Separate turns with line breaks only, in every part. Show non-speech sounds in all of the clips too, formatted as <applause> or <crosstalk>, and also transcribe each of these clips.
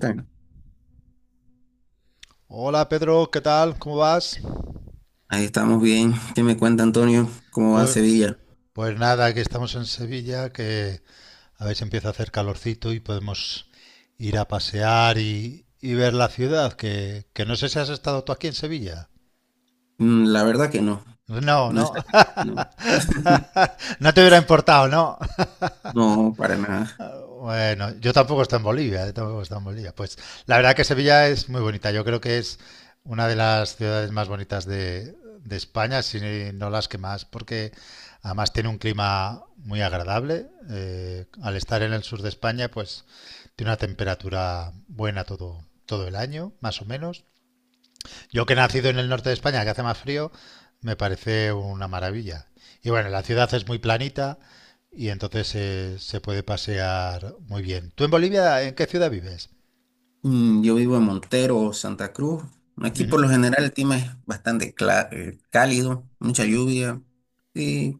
Está-
Hola Pedro, ¿qué tal? ¿Cómo vas?
Ahí estamos bien. ¿Qué me cuenta Antonio? ¿Cómo va
Pues,
Sevilla?
pues nada, que estamos en Sevilla, que a ver si empieza a hacer calorcito y podemos ir a pasear y ver la ciudad, que no sé si has estado tú aquí en Sevilla.
Mm, la verdad que no.
No,
No he
no.
salido, no.
<laughs>
<laughs>
No te hubiera importado, ¿no?
No, para nada.
Bueno, yo tampoco estoy en Bolivia, tampoco estoy en Bolivia. Pues la verdad que Sevilla es muy bonita. Yo creo que es una de las ciudades más bonitas de España, si no las que más, porque además tiene un clima muy agradable. Al estar en el sur de España, pues tiene una temperatura buena todo el año, más o menos. Yo que he nacido en el norte de España, que hace más frío, me parece una maravilla. Y bueno, la ciudad es muy planita y entonces se puede pasear muy bien. ¿Tú en Bolivia, en qué ciudad vives?
Yo vivo en Montero, Santa Cruz. Aquí por
Ujú.
lo general el clima es bastante cálido, mucha lluvia. y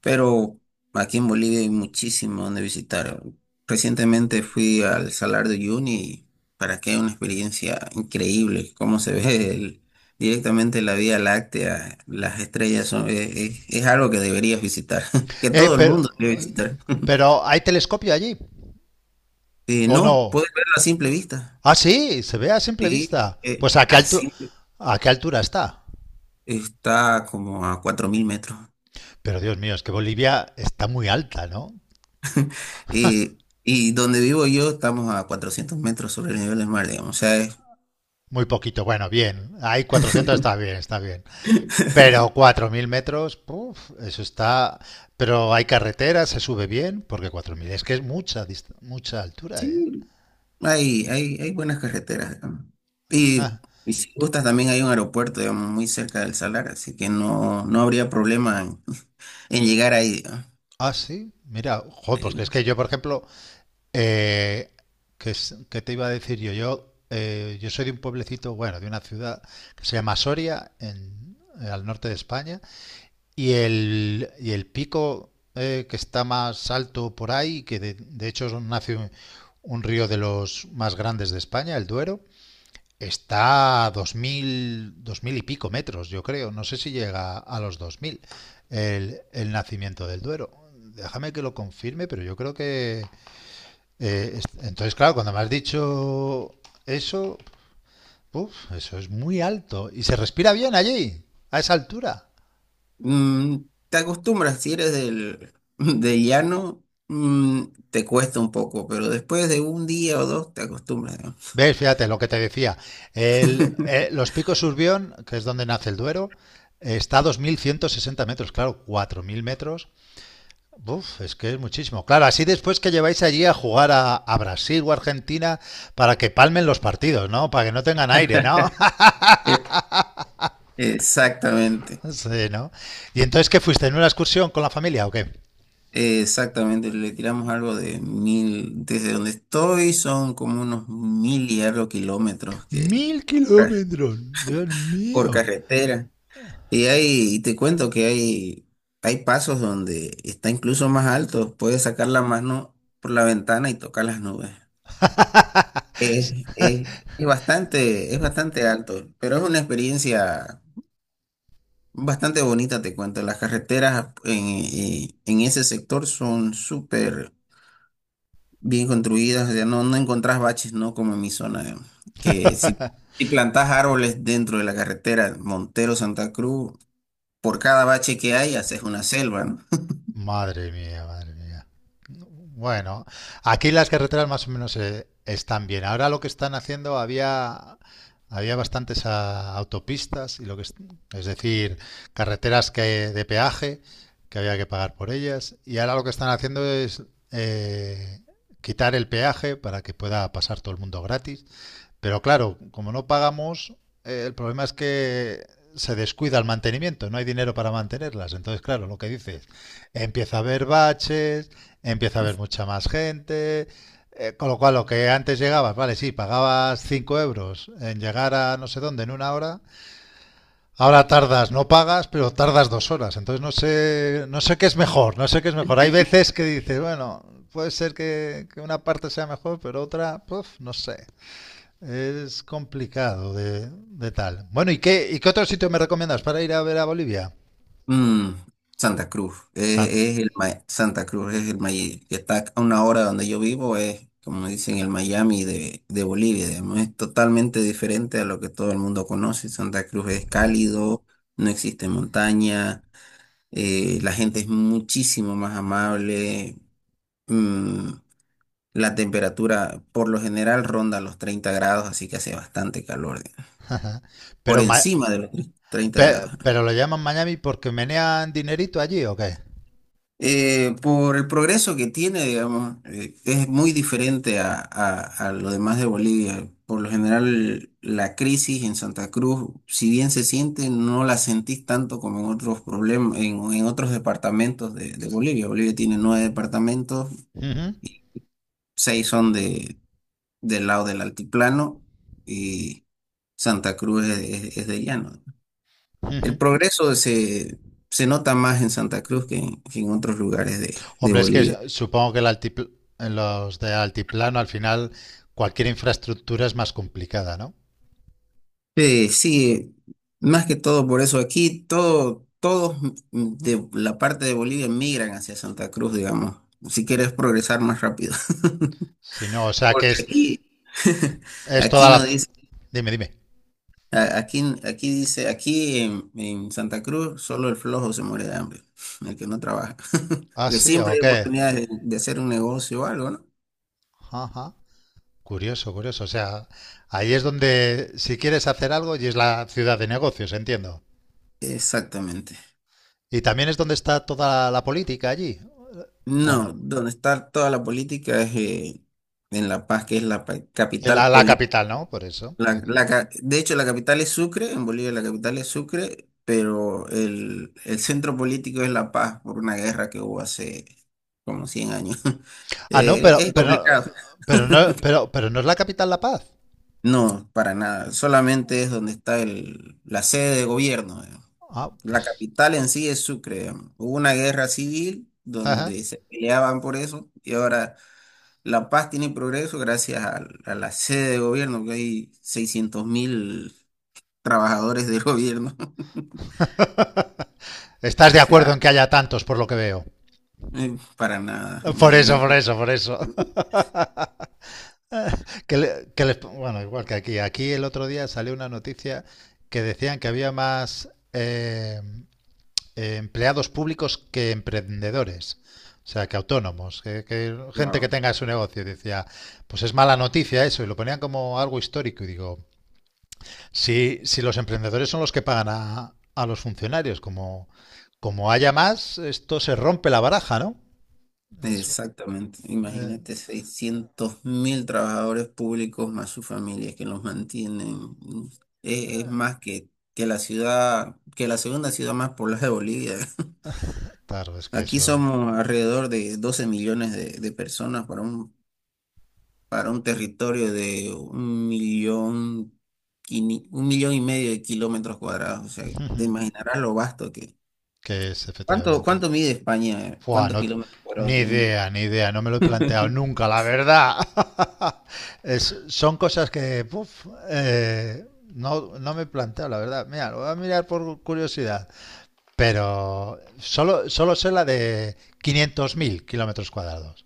Pero aquí en Bolivia hay muchísimo donde visitar. Recientemente fui al Salar de Uyuni y para que una experiencia increíble, cómo se ve directamente la Vía Láctea, las estrellas es algo que deberías visitar, <laughs> que
Eh,
todo el mundo
pero,
debe visitar. <laughs>
pero ¿hay telescopio allí? ¿O
No,
no?
puedes verlo a simple vista.
Ah, sí, se ve a simple
Sí,
vista. Pues
a
a qué altura está?
está como a 4.000 metros.
Pero Dios mío, es que Bolivia está muy alta, ¿no?
Y donde vivo yo estamos a 400 metros sobre el nivel del mar, digamos. O sea, es.
Muy poquito. Bueno, bien. Hay 400, está bien, está bien. Pero
<laughs>
4.000 metros, puf, eso está. Pero hay carretera, se sube bien, porque 4.000. Es que es mucha altura, ¿eh?
Sí, hay buenas carreteras, digamos. Y,
Ah,
y si gustas, también hay un aeropuerto, digamos, muy cerca del Salar, así que no, no habría problema en llegar ahí, digamos.
ah, sí, mira, joder, pues que es
Eh,
que yo, por ejemplo, eh, que te iba a decir yo. Yo soy de un pueblecito, bueno, de una ciudad que se llama Soria, al norte de España, y el pico que está más alto por ahí, que de hecho nace un río de los más grandes de España, el Duero. Está a 2000, 2000 y pico metros, yo creo. No sé si llega a los 2000 el nacimiento del Duero. Déjame que lo confirme, pero yo creo que. eh, entonces, claro, cuando me has dicho eso, uf, eso es muy alto. Y se respira bien allí, a esa altura.
mm, Te acostumbras, si eres del, <laughs> del llano, mm, te cuesta un poco, pero después de un día o dos te acostumbras, digamos.
¿Ves? Fíjate lo que te decía.
<laughs>
Los picos Urbión, que es donde nace el Duero, está a 2.160 metros, claro, 4.000 metros. Uf, es que es muchísimo. Claro, así después que lleváis allí a jugar a Brasil o Argentina para que palmen los partidos, ¿no? Para que no tengan aire, ¿no? <laughs>
Eh, Exactamente,
Sí, ¿no? ¿Y entonces qué fuiste? ¿En una excursión con la familia o qué?
exactamente. Le tiramos algo de 1.000, desde donde estoy son como unos 1.000 y algo de kilómetros .
1.000 kilómetros, Dios
Por
mío.
carretera. Y te cuento que hay pasos donde está incluso más alto, puedes sacar la mano por la ventana y tocar las nubes. Es,
<laughs>
es- es bastante alto, pero es una experiencia bastante bonita, te cuento. Las carreteras en ese sector son súper bien construidas, ya no, no encontrás baches, ¿no? Como en mi zona, que si plantás árboles dentro de la carretera Montero-Santa Cruz, por cada bache que hay haces una selva, ¿no?
Madre mía, madre mía. Bueno, aquí las carreteras más o menos están bien. Ahora lo que están haciendo, había bastantes autopistas y lo que es decir, carreteras que de peaje que había que pagar por ellas. Y ahora lo que están haciendo es eh, quitar el peaje para que pueda pasar todo el mundo gratis. Pero claro, como no pagamos, el problema es que se descuida el mantenimiento, no hay dinero para mantenerlas. Entonces, claro, lo que dices, empieza a haber baches, empieza a haber mucha más gente, con lo cual lo que antes llegabas, vale, sí, pagabas 5 euros en llegar a no sé dónde en una hora, ahora tardas, no pagas, pero tardas 2 horas. Entonces no sé, no sé qué es mejor, no sé qué es mejor. Hay veces que dices, bueno, puede ser que una parte sea mejor, pero otra, pues, no sé. Es complicado de tal. Bueno, ¿y qué otro sitio me recomiendas para ir a ver a Bolivia?
Mm,
San-
Santa Cruz es el Miami, que está a una hora donde yo vivo, es como dicen el Miami de Bolivia, digamos, es totalmente diferente a lo que todo el mundo conoce. Santa Cruz es cálido, no existe montaña, la gente es muchísimo más amable, mm, la temperatura por lo general ronda los 30 grados, así que hace bastante calor, digamos, por
Pero, Ma-
encima de los 30
pe-
grados.
pero lo llaman Miami porque menean dinerito allí, ¿o qué?
Por el progreso que tiene, digamos, es muy diferente a, lo demás de Bolivia. Por lo general, la crisis en Santa Cruz, si bien se siente, no la sentís tanto como en otros problemas, en otros departamentos de Bolivia. Bolivia tiene 9 departamentos,
Ujú,
6 son del lado del altiplano y Santa Cruz es de llano.
ujú.
El progreso se nota más en Santa Cruz que en otros lugares de
Hombre, es que
Bolivia.
supongo que en los de altiplano al final cualquier infraestructura es más complicada, ¿no?
Sí, sí, más que todo por eso aquí todos de la parte de Bolivia migran hacia Santa Cruz, digamos, si quieres progresar más rápido. <laughs>
Si no, o sea que
Porque
es,
aquí, <laughs>
es toda
aquí
la.
no dice,
Dime, dime.
aquí dice, aquí en Santa Cruz solo el flojo se muere de hambre, el que no trabaja. <laughs>
Ah,
Porque
sí,
siempre
¿o
hay
qué?
oportunidades de hacer un negocio o algo, ¿no?
Ajá. Curioso, curioso. O sea, ahí es donde, si quieres hacer algo, y es la ciudad de negocios, entiendo.
Exactamente.
Y también es donde está toda la política allí, ¿o no?
No, donde está toda la política es en La Paz, que es la
Eh, La,
capital
la
política.
capital, ¿no? Por eso. Ujú.
De hecho, la capital es Sucre, en Bolivia la capital es Sucre, pero el centro político es La Paz por una guerra que hubo hace como 100 años. <laughs>
Ah, no, pero,
Es
pero,
complicado.
pero no, pero no es la capital La Paz.
No, para nada. Solamente es donde está la sede de gobierno, digamos.
Ah,
La
pues.
capital en sí es Sucre, digamos. Hubo una guerra civil
Ajá.
donde se peleaban por eso y ahora La Paz tiene progreso gracias a la sede de gobierno, que hay 600.000 trabajadores del gobierno. <laughs>
<laughs> ¿Estás
O
de acuerdo
sea,
en que haya tantos, por lo que veo?
para nada,
Por eso, por
imagínate.
eso, por eso. <laughs> Que le- que les- Bueno, igual que aquí. Aquí el otro día salió una noticia que decían que había más empleados públicos que emprendedores. O sea, que autónomos, que gente que
Wow.
tenga su negocio. Decía, pues es mala noticia eso. Y lo ponían como algo histórico. Y digo, si los emprendedores son los que pagan a los funcionarios, como, haya más, esto se rompe la baraja, ¿no? Eso.
Exactamente,
eh,
imagínate 600.000 trabajadores públicos más sus familias que los mantienen. Es más que la ciudad, que la segunda ciudad más poblada de Bolivia.
claro, es
<laughs>
que
Aquí
eso.
somos alrededor de 12 millones de personas para un territorio de 1,5 millones de kilómetros cuadrados. O sea, te
<laughs>
imaginarás lo vasto que.
Que es
¿Cuánto,
efectivamente.
cuánto mide España?
Fua,
¿Cuántos
no,
kilómetros
ni
cuadrados tiene?
idea, ni idea, no me lo he planteado
<laughs>
nunca, la verdad. <laughs> Son cosas que puf, no, no me he planteado, la verdad. Mira, lo voy a mirar por curiosidad, pero solo sé la de 500.000 kilómetros cuadrados.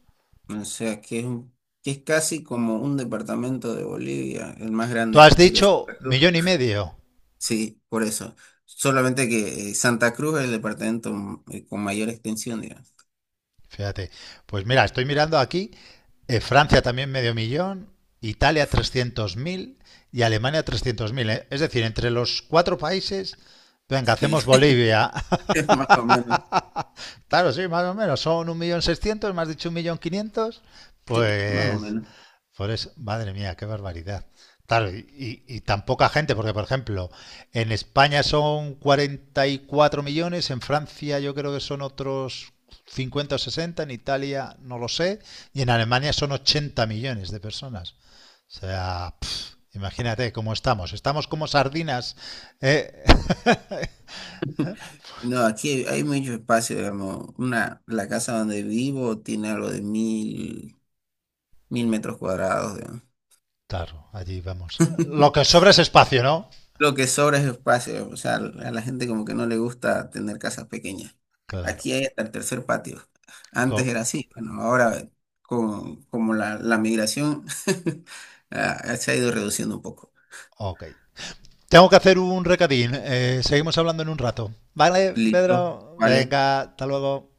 O sea, que es casi como un departamento de Bolivia, el más
Tú
grande
has
que sería
dicho
Santa Cruz.
millón y medio.
Sí, por eso. Solamente que Santa Cruz es el departamento con mayor extensión, digamos.
Fíjate, pues mira, estoy mirando aquí. Francia también medio millón, Italia 300.000 y Alemania 300.000. ¿Eh? Es decir, entre los cuatro países, venga,
Sí,
hacemos
<laughs>
Bolivia. <laughs>
es más o menos.
Claro, sí, más o menos, son 1.600.000, más dicho 1.500.000.
Sí, más o
Pues,
menos.
por eso, madre mía, qué barbaridad. Claro, y tan poca gente, porque por ejemplo, en España son 44 millones, en Francia yo creo que son otros 50 o 60, en Italia no lo sé, y en Alemania son 80 millones de personas. O sea, pff, imagínate cómo estamos. Estamos como sardinas. ¿Eh? <laughs>
No, aquí hay mucho espacio, digamos. La casa donde vivo tiene algo de mil metros cuadrados, digamos.
Claro, allí vamos. Lo que
<laughs>
sobra es espacio, ¿no?
Lo que sobra es espacio, o sea, a la gente como que no le gusta tener casas pequeñas.
Claro.
Aquí hay hasta el tercer patio. Antes
Co-
era así, bueno, ahora como la migración <laughs> se ha ido reduciendo un poco.
ok. Tengo que hacer un recadín. Seguimos hablando en un rato. Vale,
Listo,
Pedro.
vale.
Venga, hasta luego.